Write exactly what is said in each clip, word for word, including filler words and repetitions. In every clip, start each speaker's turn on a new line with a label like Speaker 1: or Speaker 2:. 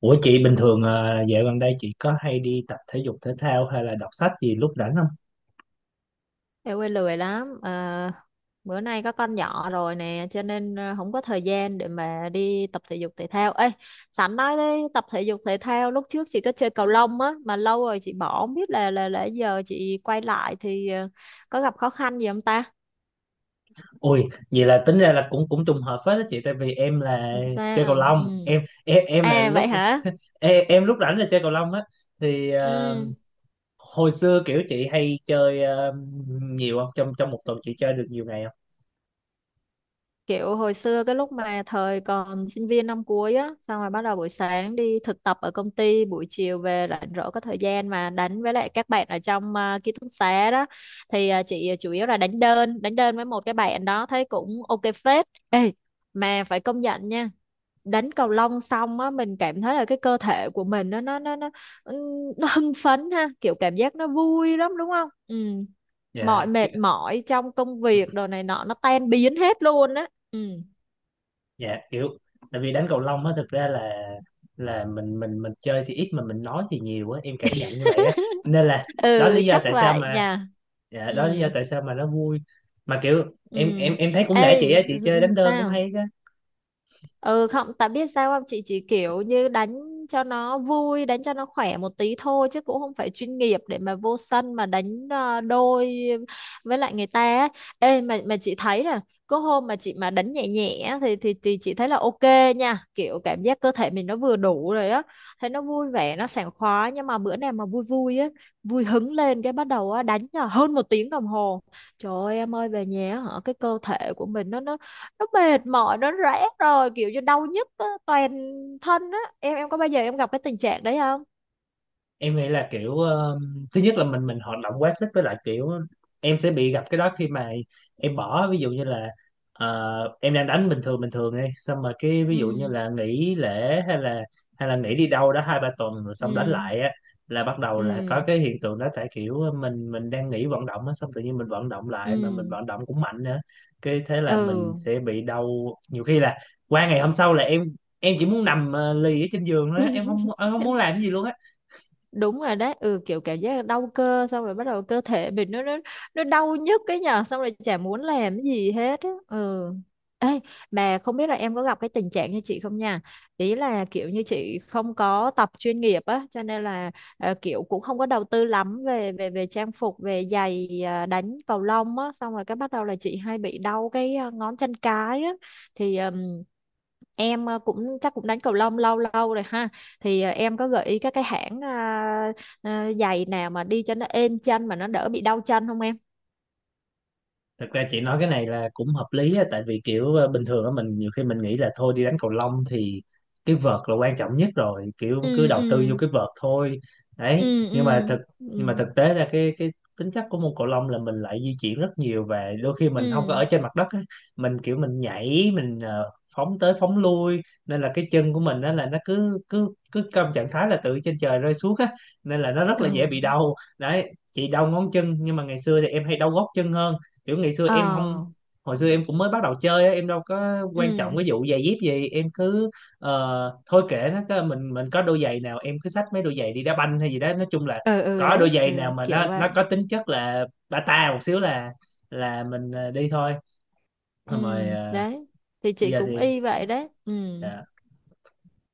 Speaker 1: Ủa chị bình thường ờ, dạo gần đây chị có hay đi tập thể dục thể thao hay là đọc sách gì lúc rảnh không?
Speaker 2: Em quê lười lắm à, bữa nay có con nhỏ rồi nè, cho nên à, không có thời gian để mà đi tập thể dục thể thao. Ê, sẵn nói đấy, tập thể dục thể thao lúc trước chị có chơi cầu lông á, mà lâu rồi chị bỏ, không biết là là là giờ chị quay lại thì à, có gặp khó khăn gì không ta.
Speaker 1: Ôi, vậy là tính ra là cũng cũng trùng hợp phết đó chị, tại vì em là
Speaker 2: Ừ,
Speaker 1: chơi cầu
Speaker 2: sao
Speaker 1: lông.
Speaker 2: ừ.
Speaker 1: Em em em là
Speaker 2: À vậy
Speaker 1: lúc
Speaker 2: hả.
Speaker 1: em, em lúc rảnh là chơi cầu lông á. Thì ờ,
Speaker 2: Ừ.
Speaker 1: hồi xưa kiểu chị hay chơi ờ, nhiều không? Trong trong một tuần chị chơi được nhiều ngày không?
Speaker 2: Kiểu hồi xưa cái lúc mà thời còn sinh viên năm cuối á, xong rồi bắt đầu buổi sáng đi thực tập ở công ty, buổi chiều về rảnh rỗi có thời gian mà đánh với lại các bạn ở trong à, ký túc xá đó. Thì à, chị ờ, chủ yếu là đánh đơn, đánh đơn với một cái bạn đó, thấy cũng ok phết. Ê, mà phải công nhận nha, đánh cầu lông xong á mình cảm thấy là cái cơ thể của mình nó nó nó nó nó hưng phấn ha, kiểu cảm giác nó vui lắm đúng không. Ừ, mọi
Speaker 1: Dạ, ki-
Speaker 2: mệt mỏi trong công việc đồ này nọ nó tan biến hết luôn á. Ừ.
Speaker 1: dạ kiểu tại vì đánh cầu lông á, thực ra là là mình mình mình chơi thì ít mà mình nói thì nhiều á, em cảm nhận như vậy á. Nên là đó là
Speaker 2: Ừ,
Speaker 1: lý do
Speaker 2: chắc
Speaker 1: tại sao
Speaker 2: vậy nhỉ.
Speaker 1: mà dạ
Speaker 2: Ừ.
Speaker 1: đó là lý do tại sao mà nó vui, mà kiểu
Speaker 2: Ừ.
Speaker 1: em em em thấy cũng nể chị
Speaker 2: Ê,
Speaker 1: á, chị chơi đánh đơn cũng
Speaker 2: sao?
Speaker 1: hay chứ.
Speaker 2: Ừ không, tại biết sao không? Chị chỉ kiểu như đánh cho nó vui, đánh cho nó khỏe một tí thôi chứ cũng không phải chuyên nghiệp để mà vô sân mà đánh ờ, đôi với lại người ta ấy. Ê mà mà chị thấy nè, có hôm mà chị mà đánh nhẹ nhẹ á, thì thì thì chị thấy là ok nha, kiểu cảm giác cơ thể mình nó vừa đủ rồi á, thấy nó vui vẻ, nó sảng khoái, nhưng mà bữa nào mà vui vui á, vui hứng lên cái bắt đầu á đánh là hơn một tiếng đồng hồ. Trời ơi em ơi, về nhà á hả, cái cơ thể của mình nó nó nó mệt mỏi, nó rã rồi, kiểu như đau nhức á, toàn thân á. em em có bao giờ em gặp cái tình trạng đấy không?
Speaker 1: Em nghĩ là kiểu ờ, thứ nhất là mình mình hoạt động quá sức, với lại kiểu em sẽ bị gặp cái đó khi mà em bỏ ví dụ như là ờ, em đang đánh bình thường bình thường đi, xong mà cái ví dụ như
Speaker 2: Ừ.
Speaker 1: là nghỉ lễ hay là hay là nghỉ đi đâu đó hai ba tuần rồi xong đánh
Speaker 2: Ừ.
Speaker 1: lại á, là bắt đầu là có
Speaker 2: Ừ.
Speaker 1: cái hiện tượng đó. Tại kiểu ờ, mình mình đang nghỉ vận động á, xong tự nhiên mình vận động lại mà mình
Speaker 2: Ừ.
Speaker 1: vận động cũng mạnh nữa, cái thế là mình
Speaker 2: Ừ.
Speaker 1: sẽ bị đau. Nhiều khi là qua ngày hôm sau là em em chỉ muốn nằm ờ, lì ở trên giường thôi á, em không em không muốn làm cái gì luôn á.
Speaker 2: Đúng rồi đấy. Ừ, kiểu cảm giác đau cơ, xong rồi bắt đầu cơ thể mình nó nó nó đau nhức cái nhở, xong rồi chả muốn làm cái gì hết á. Ừ. Ê, mà không biết là em có gặp cái tình trạng như chị không nha. Ý là kiểu như chị không có tập chuyên nghiệp á, cho nên là ờ, kiểu cũng không có đầu tư lắm về về về trang phục, về giày. À, đánh cầu lông á xong rồi cái bắt đầu là chị hay bị đau cái à, ngón chân cái á. Thì ừm, em ờ, cũng chắc cũng đánh cầu lông lâu lâu rồi ha, thì à, em có gợi ý các cái hãng à, à, giày nào mà đi cho nó êm chân mà nó đỡ bị đau chân không em?
Speaker 1: Thực ra chị nói cái này là cũng hợp lý á, tại vì kiểu ờ, bình thường á mình nhiều khi mình nghĩ là thôi đi đánh cầu lông thì cái vợt là quan trọng nhất rồi, kiểu cứ
Speaker 2: Ừ.
Speaker 1: đầu tư
Speaker 2: Ừ.
Speaker 1: vô cái vợt thôi. Đấy,
Speaker 2: Ừ.
Speaker 1: nhưng mà
Speaker 2: Ừ.
Speaker 1: thực nhưng mà
Speaker 2: Ừ.
Speaker 1: thực tế ra cái cái tính chất của môn cầu lông là mình lại di chuyển rất nhiều, và đôi khi mình không có
Speaker 2: Ừ.
Speaker 1: ở trên mặt đất á, mình kiểu mình nhảy, mình ờ, phóng tới phóng lui, nên là cái chân của mình đó là nó cứ cứ cứ trong trạng thái là từ trên trời rơi xuống á, nên là nó rất là dễ bị
Speaker 2: Ừ.
Speaker 1: đau. Đấy, chị đau ngón chân, nhưng mà ngày xưa thì em hay đau gót chân hơn. Kiểu ngày xưa em không
Speaker 2: Ờ.
Speaker 1: Hồi xưa em cũng mới bắt đầu chơi á, em đâu có quan trọng
Speaker 2: Ừ.
Speaker 1: cái vụ giày dép gì, em cứ ờ, thôi kệ, nó cứ- mình mình có đôi giày nào em cứ xách mấy đôi giày đi đá banh hay gì đó, nói chung là
Speaker 2: Ừ. Ừ,
Speaker 1: có đôi
Speaker 2: đấy. Ừ,
Speaker 1: giày nào mà nó
Speaker 2: kiểu vậy.
Speaker 1: nó có tính chất là bata một xíu là là mình ờ, đi thôi.
Speaker 2: Ừ
Speaker 1: Xong rồi ờ,
Speaker 2: đấy, thì
Speaker 1: bây
Speaker 2: chị
Speaker 1: giờ
Speaker 2: cũng
Speaker 1: thì
Speaker 2: y vậy đấy. Ừ.
Speaker 1: à,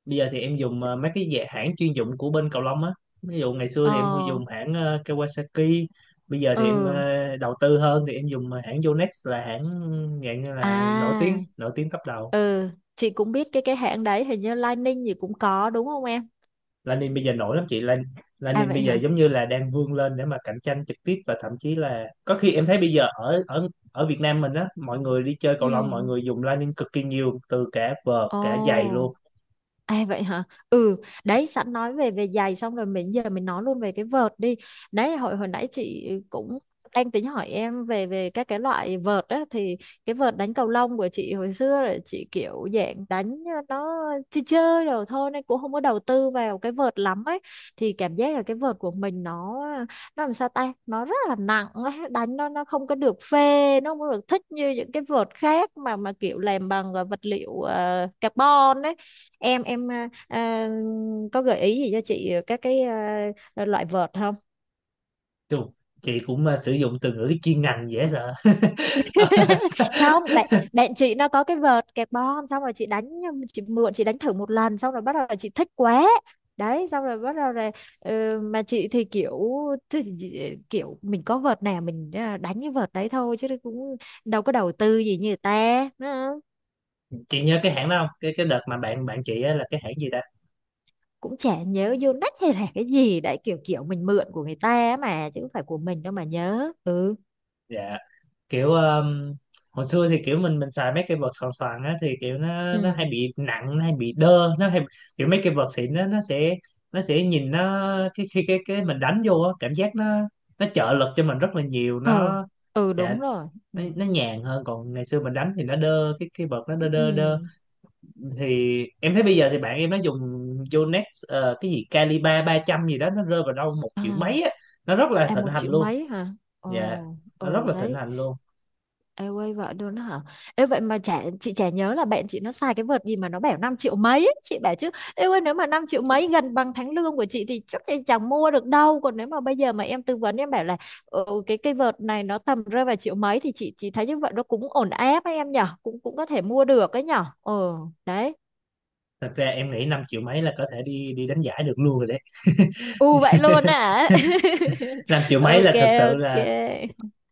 Speaker 1: bây giờ thì em dùng ờ, mấy cái dạng hãng chuyên dụng của bên cầu lông á. Ví dụ ngày xưa thì em
Speaker 2: Ờ.
Speaker 1: dùng hãng ờ, Kawasaki, bây giờ thì em
Speaker 2: Ừ.
Speaker 1: ờ, đầu tư hơn thì em dùng ờ, hãng Yonex, là hãng dạng như là nổi tiếng,
Speaker 2: À.
Speaker 1: nổi tiếng top đầu.
Speaker 2: Ừ, chị cũng biết cái cái hãng đấy, hình như Lining gì cũng có, đúng không em?
Speaker 1: Lanin bây giờ nổi lắm chị Lan.
Speaker 2: À
Speaker 1: Lanin
Speaker 2: vậy
Speaker 1: bây giờ
Speaker 2: hả.
Speaker 1: giống như là đang vươn lên để mà cạnh tranh trực tiếp, và thậm chí là có khi em thấy bây giờ ở ở ở Việt Nam mình á, mọi người đi chơi cầu lông mọi
Speaker 2: Ừ.
Speaker 1: người dùng Lanin cực kỳ nhiều, từ cả vợt cả giày
Speaker 2: Ồ.
Speaker 1: luôn.
Speaker 2: À vậy hả? Ừ, đấy sẵn nói về về giày xong rồi mình giờ mình nói luôn về cái vợt đi. Đấy, hồi hồi nãy chị cũng đang tính hỏi em về về các cái loại vợt á, thì cái vợt đánh cầu lông của chị hồi xưa là chị kiểu dạng đánh nó chơi chơi rồi thôi, nên cũng không có đầu tư vào cái vợt lắm ấy, thì cảm giác là cái vợt của mình nó nó làm sao ta, nó rất là nặng ấy. Đánh nó nó không có được phê, nó không có được thích như những cái vợt khác mà mà kiểu làm bằng à, vật liệu ờ, carbon ấy. Em em à, à, có gợi ý gì cho chị các cái à, loại vợt không?
Speaker 1: Chù, chị cũng ờ, sử dụng từ ngữ chuyên ngành dễ sợ.
Speaker 2: Không, bạn bạn chị nó có cái vợt kẹp bom, xong rồi chị đánh, chị mượn chị đánh thử một lần xong rồi bắt đầu chị thích quá. Đấy, xong rồi bắt đầu rồi. Ờ, mà chị thì kiểu chứ gì- kiểu mình có vợt nào mình à, đánh cái vợt đấy thôi chứ cũng đâu có đầu tư gì như người ta, đúng.
Speaker 1: Chị nhớ cái hãng đó không, cái cái đợt mà bạn bạn chị á, là cái hãng gì ta?
Speaker 2: Cũng chả nhớ vô nách hay là cái gì đấy, kiểu kiểu mình mượn của người ta mà chứ không phải của mình đâu mà nhớ. Ừ.
Speaker 1: Dạ kiểu um, hồi xưa thì kiểu mình mình xài mấy cái vợt xoàn xoàn á, thì kiểu nó nó hay
Speaker 2: Ừ.
Speaker 1: bị nặng, nó hay bị đơ, nó hay kiểu mấy cái vợt xịn nó nó sẽ nó sẽ nhìn nó cái khi cái cái mình đánh vô á, cảm giác nó nó trợ lực cho mình rất là nhiều
Speaker 2: Ờ.
Speaker 1: nó.
Speaker 2: Ừ,
Speaker 1: Dạ,
Speaker 2: đúng rồi. Ừ.
Speaker 1: nó, nó nhàn hơn, còn ngày xưa mình đánh thì nó đơ, cái cái vợt nó đơ đơ đơ.
Speaker 2: Ừ.
Speaker 1: Thì em thấy bây giờ thì bạn em nó dùng Yonex ờ, cái gì Calibre ba trăm gì đó, nó rơi vào đâu một triệu mấy
Speaker 2: À.
Speaker 1: á, nó rất là
Speaker 2: À
Speaker 1: thịnh
Speaker 2: một
Speaker 1: hành
Speaker 2: triệu
Speaker 1: luôn.
Speaker 2: mấy hả?
Speaker 1: Dạ,
Speaker 2: Ồ.
Speaker 1: nó rất
Speaker 2: Ừ,
Speaker 1: là thịnh
Speaker 2: đấy.
Speaker 1: hành luôn.
Speaker 2: Em quay vợ luôn đó hả? Ê vậy mà chả, chị chả nhớ là bạn chị nó xài cái vợt gì mà nó bảo năm triệu mấy ấy. Chị bảo chứ em ơi, nếu mà năm triệu mấy gần bằng tháng lương của chị thì chắc chị chẳng mua được đâu, còn nếu mà bây giờ mà em tư vấn, em bảo là ừ, cái cây vợt này nó tầm rơi vào triệu mấy thì chị chị thấy như vậy nó cũng ổn áp ấy em nhở, cũng cũng có thể mua được ấy nhở. Ừ, đấy.
Speaker 1: Thật ra em nghĩ năm triệu mấy là có thể đi đi đánh giải được luôn rồi đấy.
Speaker 2: U vậy luôn hả?
Speaker 1: Năm triệu mấy
Speaker 2: Ok.
Speaker 1: là thật sự
Speaker 2: Ok.
Speaker 1: là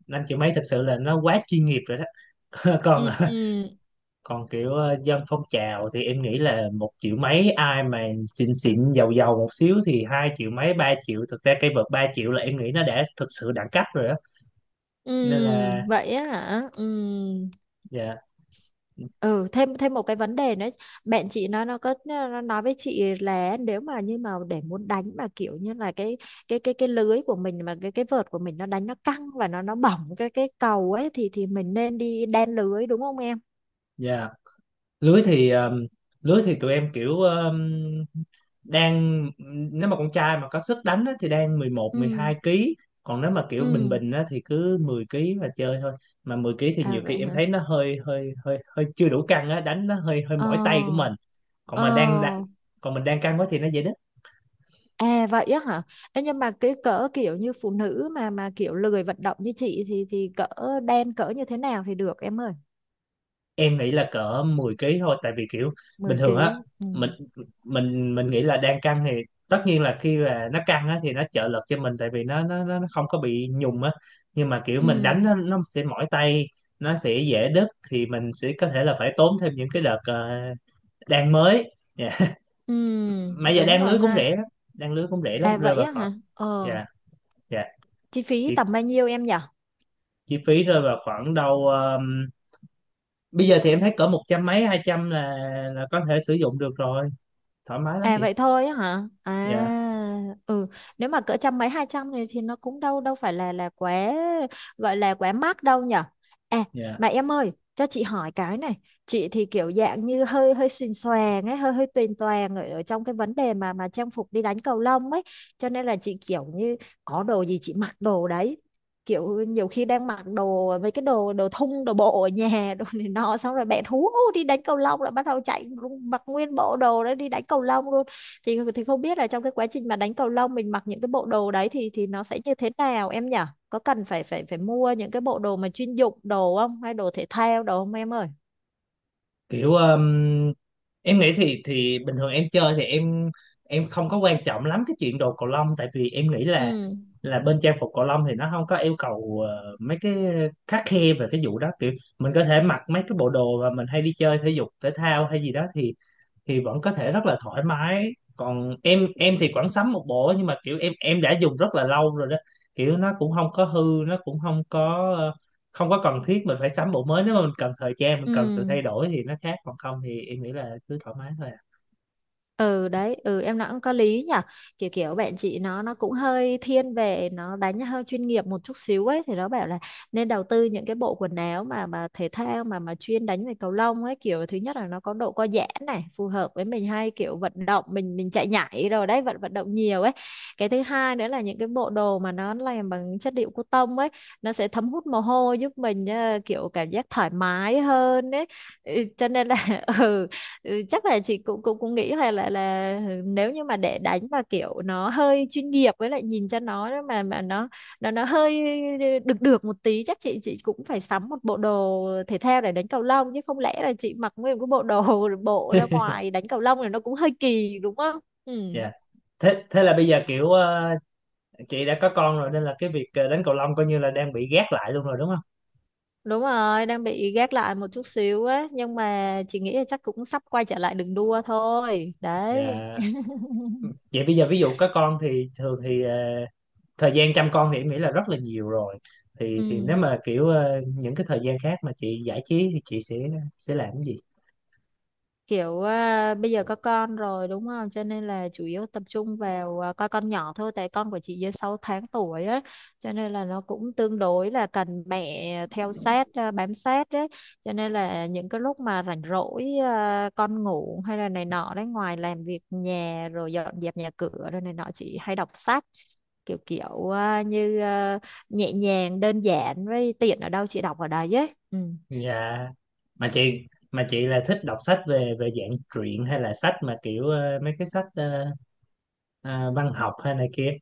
Speaker 1: năm triệu mấy thật sự là nó quá chuyên nghiệp rồi đó. còn
Speaker 2: Ừ. Ừ.
Speaker 1: Còn kiểu ờ, dân phong trào thì em nghĩ là một triệu mấy ai mà xịn xịn giàu giàu một xíu thì hai triệu mấy ba triệu. Thực ra cây vợt ba triệu là em nghĩ nó đã thực sự đẳng cấp rồi đó,
Speaker 2: Ừ,
Speaker 1: nên là
Speaker 2: vậy á hả. Ừ.
Speaker 1: dạ.
Speaker 2: Ừ, thêm thêm một cái vấn đề nữa, bạn chị nó nó có nó nói với chị là nếu mà như mà để muốn đánh mà kiểu như là cái cái cái cái lưới của mình mà cái cái vợt của mình nó đánh nó căng và nó nó bỏng cái cái cầu ấy, thì thì mình nên đi đan lưới đúng không em?
Speaker 1: Dạ, lưới thì um, lưới thì tụi em kiểu um, đang nếu mà con trai mà có sức đánh á, thì đang mười một mười hai
Speaker 2: Ừ.
Speaker 1: ký, còn nếu mà kiểu bình
Speaker 2: Ừ.
Speaker 1: bình á, thì cứ mười ký mà chơi thôi. Mà mười ký thì
Speaker 2: À
Speaker 1: nhiều khi
Speaker 2: vậy
Speaker 1: em
Speaker 2: hả.
Speaker 1: thấy nó hơi hơi hơi hơi chưa đủ căng á, đánh nó hơi hơi
Speaker 2: Ờ.
Speaker 1: mỏi tay của mình. còn
Speaker 2: Ờ.
Speaker 1: mà đang đang- Còn mình đang căng quá thì nó dễ.
Speaker 2: À vậy á hả? Ê, nhưng mà cái cỡ kiểu như phụ nữ mà mà kiểu lười vận động như chị thì thì cỡ đen cỡ như thế nào thì được em ơi?
Speaker 1: Em nghĩ là cỡ mười ký thôi, tại vì kiểu bình
Speaker 2: mười
Speaker 1: thường á
Speaker 2: ký Ừ.
Speaker 1: mình mình mình nghĩ là đang căng thì tất nhiên là khi mà nó căng á thì nó trợ lực cho mình, tại vì nó nó nó nó không có bị nhùng á. Nhưng mà kiểu mình
Speaker 2: Ừ.
Speaker 1: đánh nó, nó sẽ mỏi tay, nó sẽ dễ đứt, thì mình sẽ có thể là phải tốn thêm những cái đợt ờ, đan mới dạ.
Speaker 2: Ừ.
Speaker 1: Mà giờ
Speaker 2: đúng
Speaker 1: đan
Speaker 2: rồi
Speaker 1: lưới cũng
Speaker 2: ha.
Speaker 1: rẻ lắm, đan lưới cũng rẻ
Speaker 2: À
Speaker 1: lắm, rơi
Speaker 2: vậy
Speaker 1: vào
Speaker 2: á
Speaker 1: khoảng
Speaker 2: hả? Ờ,
Speaker 1: dạ. Dạ,
Speaker 2: chi phí
Speaker 1: chi,
Speaker 2: tầm bao nhiêu em nhỉ?
Speaker 1: chi phí rơi vào khoảng đâu ờm, bây giờ thì em thấy cỡ một trăm mấy hai trăm là là có thể sử dụng được rồi, thoải mái lắm
Speaker 2: À
Speaker 1: chị.
Speaker 2: vậy thôi á hả? À
Speaker 1: Dạ.
Speaker 2: ừ, nếu mà cỡ trăm mấy hai trăm thì thì nó cũng đâu đâu phải là là quá, gọi là quá mắc đâu nhở. À
Speaker 1: Dạ
Speaker 2: mà em ơi, cho chị hỏi cái này, chị thì kiểu dạng như hơi hơi xuềnh xoàng ấy, hơi hơi tuyền toàng ở, ở trong cái vấn đề mà mà trang phục đi đánh cầu lông ấy, cho nên là chị kiểu như có đồ gì chị mặc đồ đấy, kiểu nhiều khi đang mặc đồ mấy cái đồ đồ thun đồ bộ ở nhà đồ này nọ, xong rồi bạn hú hú đi đánh cầu lông là bắt đầu chạy luôn, mặc nguyên bộ đồ đấy đi đánh cầu lông luôn, thì thì không biết là trong cái quá trình mà đánh cầu lông mình mặc những cái bộ đồ đấy thì thì nó sẽ như thế nào em nhỉ. Có cần phải phải phải mua những cái bộ đồ mà chuyên dụng đồ không, hay đồ thể thao đồ không em ơi?
Speaker 1: kiểu um, em nghĩ thì thì bình thường em chơi thì em em không có quan trọng lắm cái chuyện đồ cầu lông, tại vì em nghĩ là
Speaker 2: Ừ.
Speaker 1: là bên trang phục cầu lông thì nó không có yêu cầu ờ, mấy cái khắt khe về cái vụ đó. Kiểu mình có thể mặc mấy cái bộ đồ mà mình hay đi chơi thể dục thể thao hay gì đó thì thì vẫn có thể rất là thoải mái. Còn em em thì khoảng sắm một bộ, nhưng mà kiểu em em đã dùng rất là lâu rồi đó, kiểu nó cũng không có hư, nó cũng không có ờ, không có cần thiết mình phải sắm bộ mới. Nếu mà mình cần thời gian, mình cần sự
Speaker 2: Ừ.
Speaker 1: thay đổi thì nó khác, còn không thì em nghĩ là cứ thoải mái thôi à.
Speaker 2: Ừ, đấy. Ừ, em nói cũng có lý nhở. Kiểu kiểu bạn chị nó nó cũng hơi thiên về nó đánh hơi chuyên nghiệp một chút xíu ấy, thì nó bảo là nên đầu tư những cái bộ quần áo mà mà thể thao mà mà chuyên đánh về cầu lông ấy, kiểu thứ nhất là nó có độ co giãn này, phù hợp với mình hay kiểu vận động, mình mình chạy nhảy rồi đấy, vận vận động nhiều ấy. Cái thứ hai nữa là những cái bộ đồ mà nó làm bằng chất liệu cotton ấy, nó sẽ thấm hút mồ hôi, giúp mình ờ, kiểu cảm giác thoải mái hơn ấy. Ừ, cho nên là. Ừ. Ừ, chắc là chị cũng cũng cũng nghĩ là là là nếu như mà để đánh mà kiểu nó hơi chuyên nghiệp, với lại nhìn cho nó mà mà nó nó nó hơi được được một tí, chắc chị chị cũng phải sắm một bộ đồ thể thao để đánh cầu lông, chứ không lẽ là chị mặc nguyên cái bộ đồ bộ ra ngoài đánh cầu lông thì nó cũng hơi kỳ đúng không? Ừ.
Speaker 1: Dạ. Thế thế là bây giờ kiểu ờ, chị đã có con rồi, nên là cái việc ờ, đánh cầu lông coi như là đang bị gác lại luôn rồi đúng không?
Speaker 2: Đúng rồi, đang bị gác lại một chút xíu á, nhưng mà chị nghĩ là chắc cũng sắp quay trở lại đường đua thôi. Đấy.
Speaker 1: Dạ, vậy bây giờ ví dụ có con thì thường thì ờ, thời gian chăm con thì em nghĩ là rất là nhiều rồi, thì
Speaker 2: Ừ.
Speaker 1: thì nếu mà kiểu ờ, những cái thời gian khác mà chị giải trí thì chị sẽ sẽ làm cái gì?
Speaker 2: Kiểu à, bây giờ có con rồi đúng không, cho nên là chủ yếu tập trung vào à, coi con nhỏ thôi, tại con của chị dưới sáu tháng tuổi á, cho nên là nó cũng tương đối là cần mẹ theo sát, à, bám sát đấy, cho nên là những cái lúc mà rảnh rỗi, à, con ngủ hay là này nọ đấy, ngoài làm việc nhà rồi dọn dẹp nhà cửa rồi này nọ chị hay đọc sách, kiểu kiểu à, như à, nhẹ nhàng đơn giản với tiện ở đâu chị đọc ở đấy ấy. Ừ.
Speaker 1: Dạ, mà chị, mà chị là thích đọc sách về về dạng truyện hay là sách mà kiểu ờ, mấy cái sách ờ, ờ, văn học hay này kia?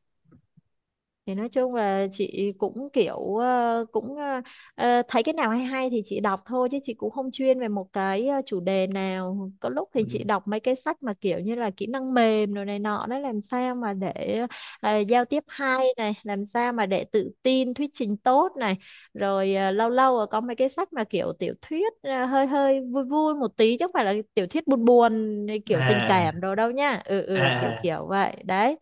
Speaker 2: Thì nói chung là chị cũng kiểu ờ, cũng ờ, ờ, thấy cái nào hay hay thì chị đọc thôi, chứ chị cũng không chuyên về một cái ờ, chủ đề nào. Có lúc thì
Speaker 1: Ừ.
Speaker 2: chị đọc mấy cái sách mà kiểu như là kỹ năng mềm rồi này nọ đấy, làm sao mà để ờ, giao tiếp hay này, làm sao mà để tự tin, thuyết trình tốt này. Rồi ờ, lâu lâu ờ, có mấy cái sách mà kiểu tiểu thuyết ờ, hơi hơi vui vui một tí chứ không phải là tiểu thuyết buồn buồn kiểu tình cảm
Speaker 1: À
Speaker 2: đồ đâu nha. Ừ,
Speaker 1: à
Speaker 2: ừ kiểu
Speaker 1: à.
Speaker 2: kiểu vậy. Đấy,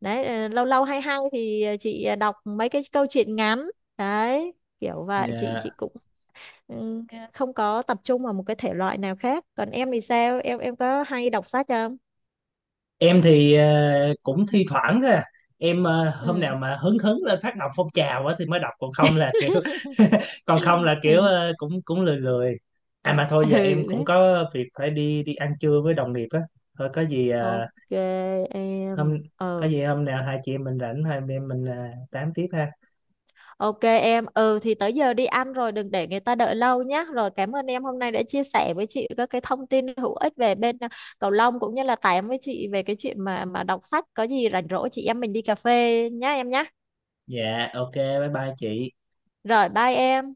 Speaker 2: đấy ờ, lâu lâu hay hay thì ờ, chị ờ, đọc mấy cái câu chuyện ngắn đấy, kiểu vậy chị
Speaker 1: Dạ.
Speaker 2: chị cũng ừ, không có tập trung vào một cái thể loại nào khác, còn em thì sao, em em có hay đọc sách không?
Speaker 1: Em thì ờ, cũng thi thoảng thôi à. Em ờ, hôm
Speaker 2: Ừ.
Speaker 1: nào mà hứng hứng lên phát động phong trào á thì mới đọc, còn không là kiểu còn không là kiểu ờ, cũng cũng lười lười. À mà thôi
Speaker 2: Ừ,
Speaker 1: giờ em cũng
Speaker 2: đấy.
Speaker 1: có việc phải đi đi ăn trưa với đồng nghiệp á. Thôi có gì ờ,
Speaker 2: Ok
Speaker 1: hôm
Speaker 2: em.
Speaker 1: có
Speaker 2: Ờ.
Speaker 1: gì hôm nào hai chị em mình rảnh, hai anh em mình ờ, tám tiếp ha.
Speaker 2: Ok em, ừ thì tới giờ đi ăn rồi đừng để người ta đợi lâu nhé. Rồi cảm ơn em hôm nay đã chia sẻ với chị các cái thông tin hữu ích về bên à, cầu lông cũng như là tám với chị về cái chuyện mà mà đọc sách. Có gì rảnh rỗi chị em mình đi cà phê nhá em nhá.
Speaker 1: Dạ ok bye bye chị.
Speaker 2: Rồi bye em.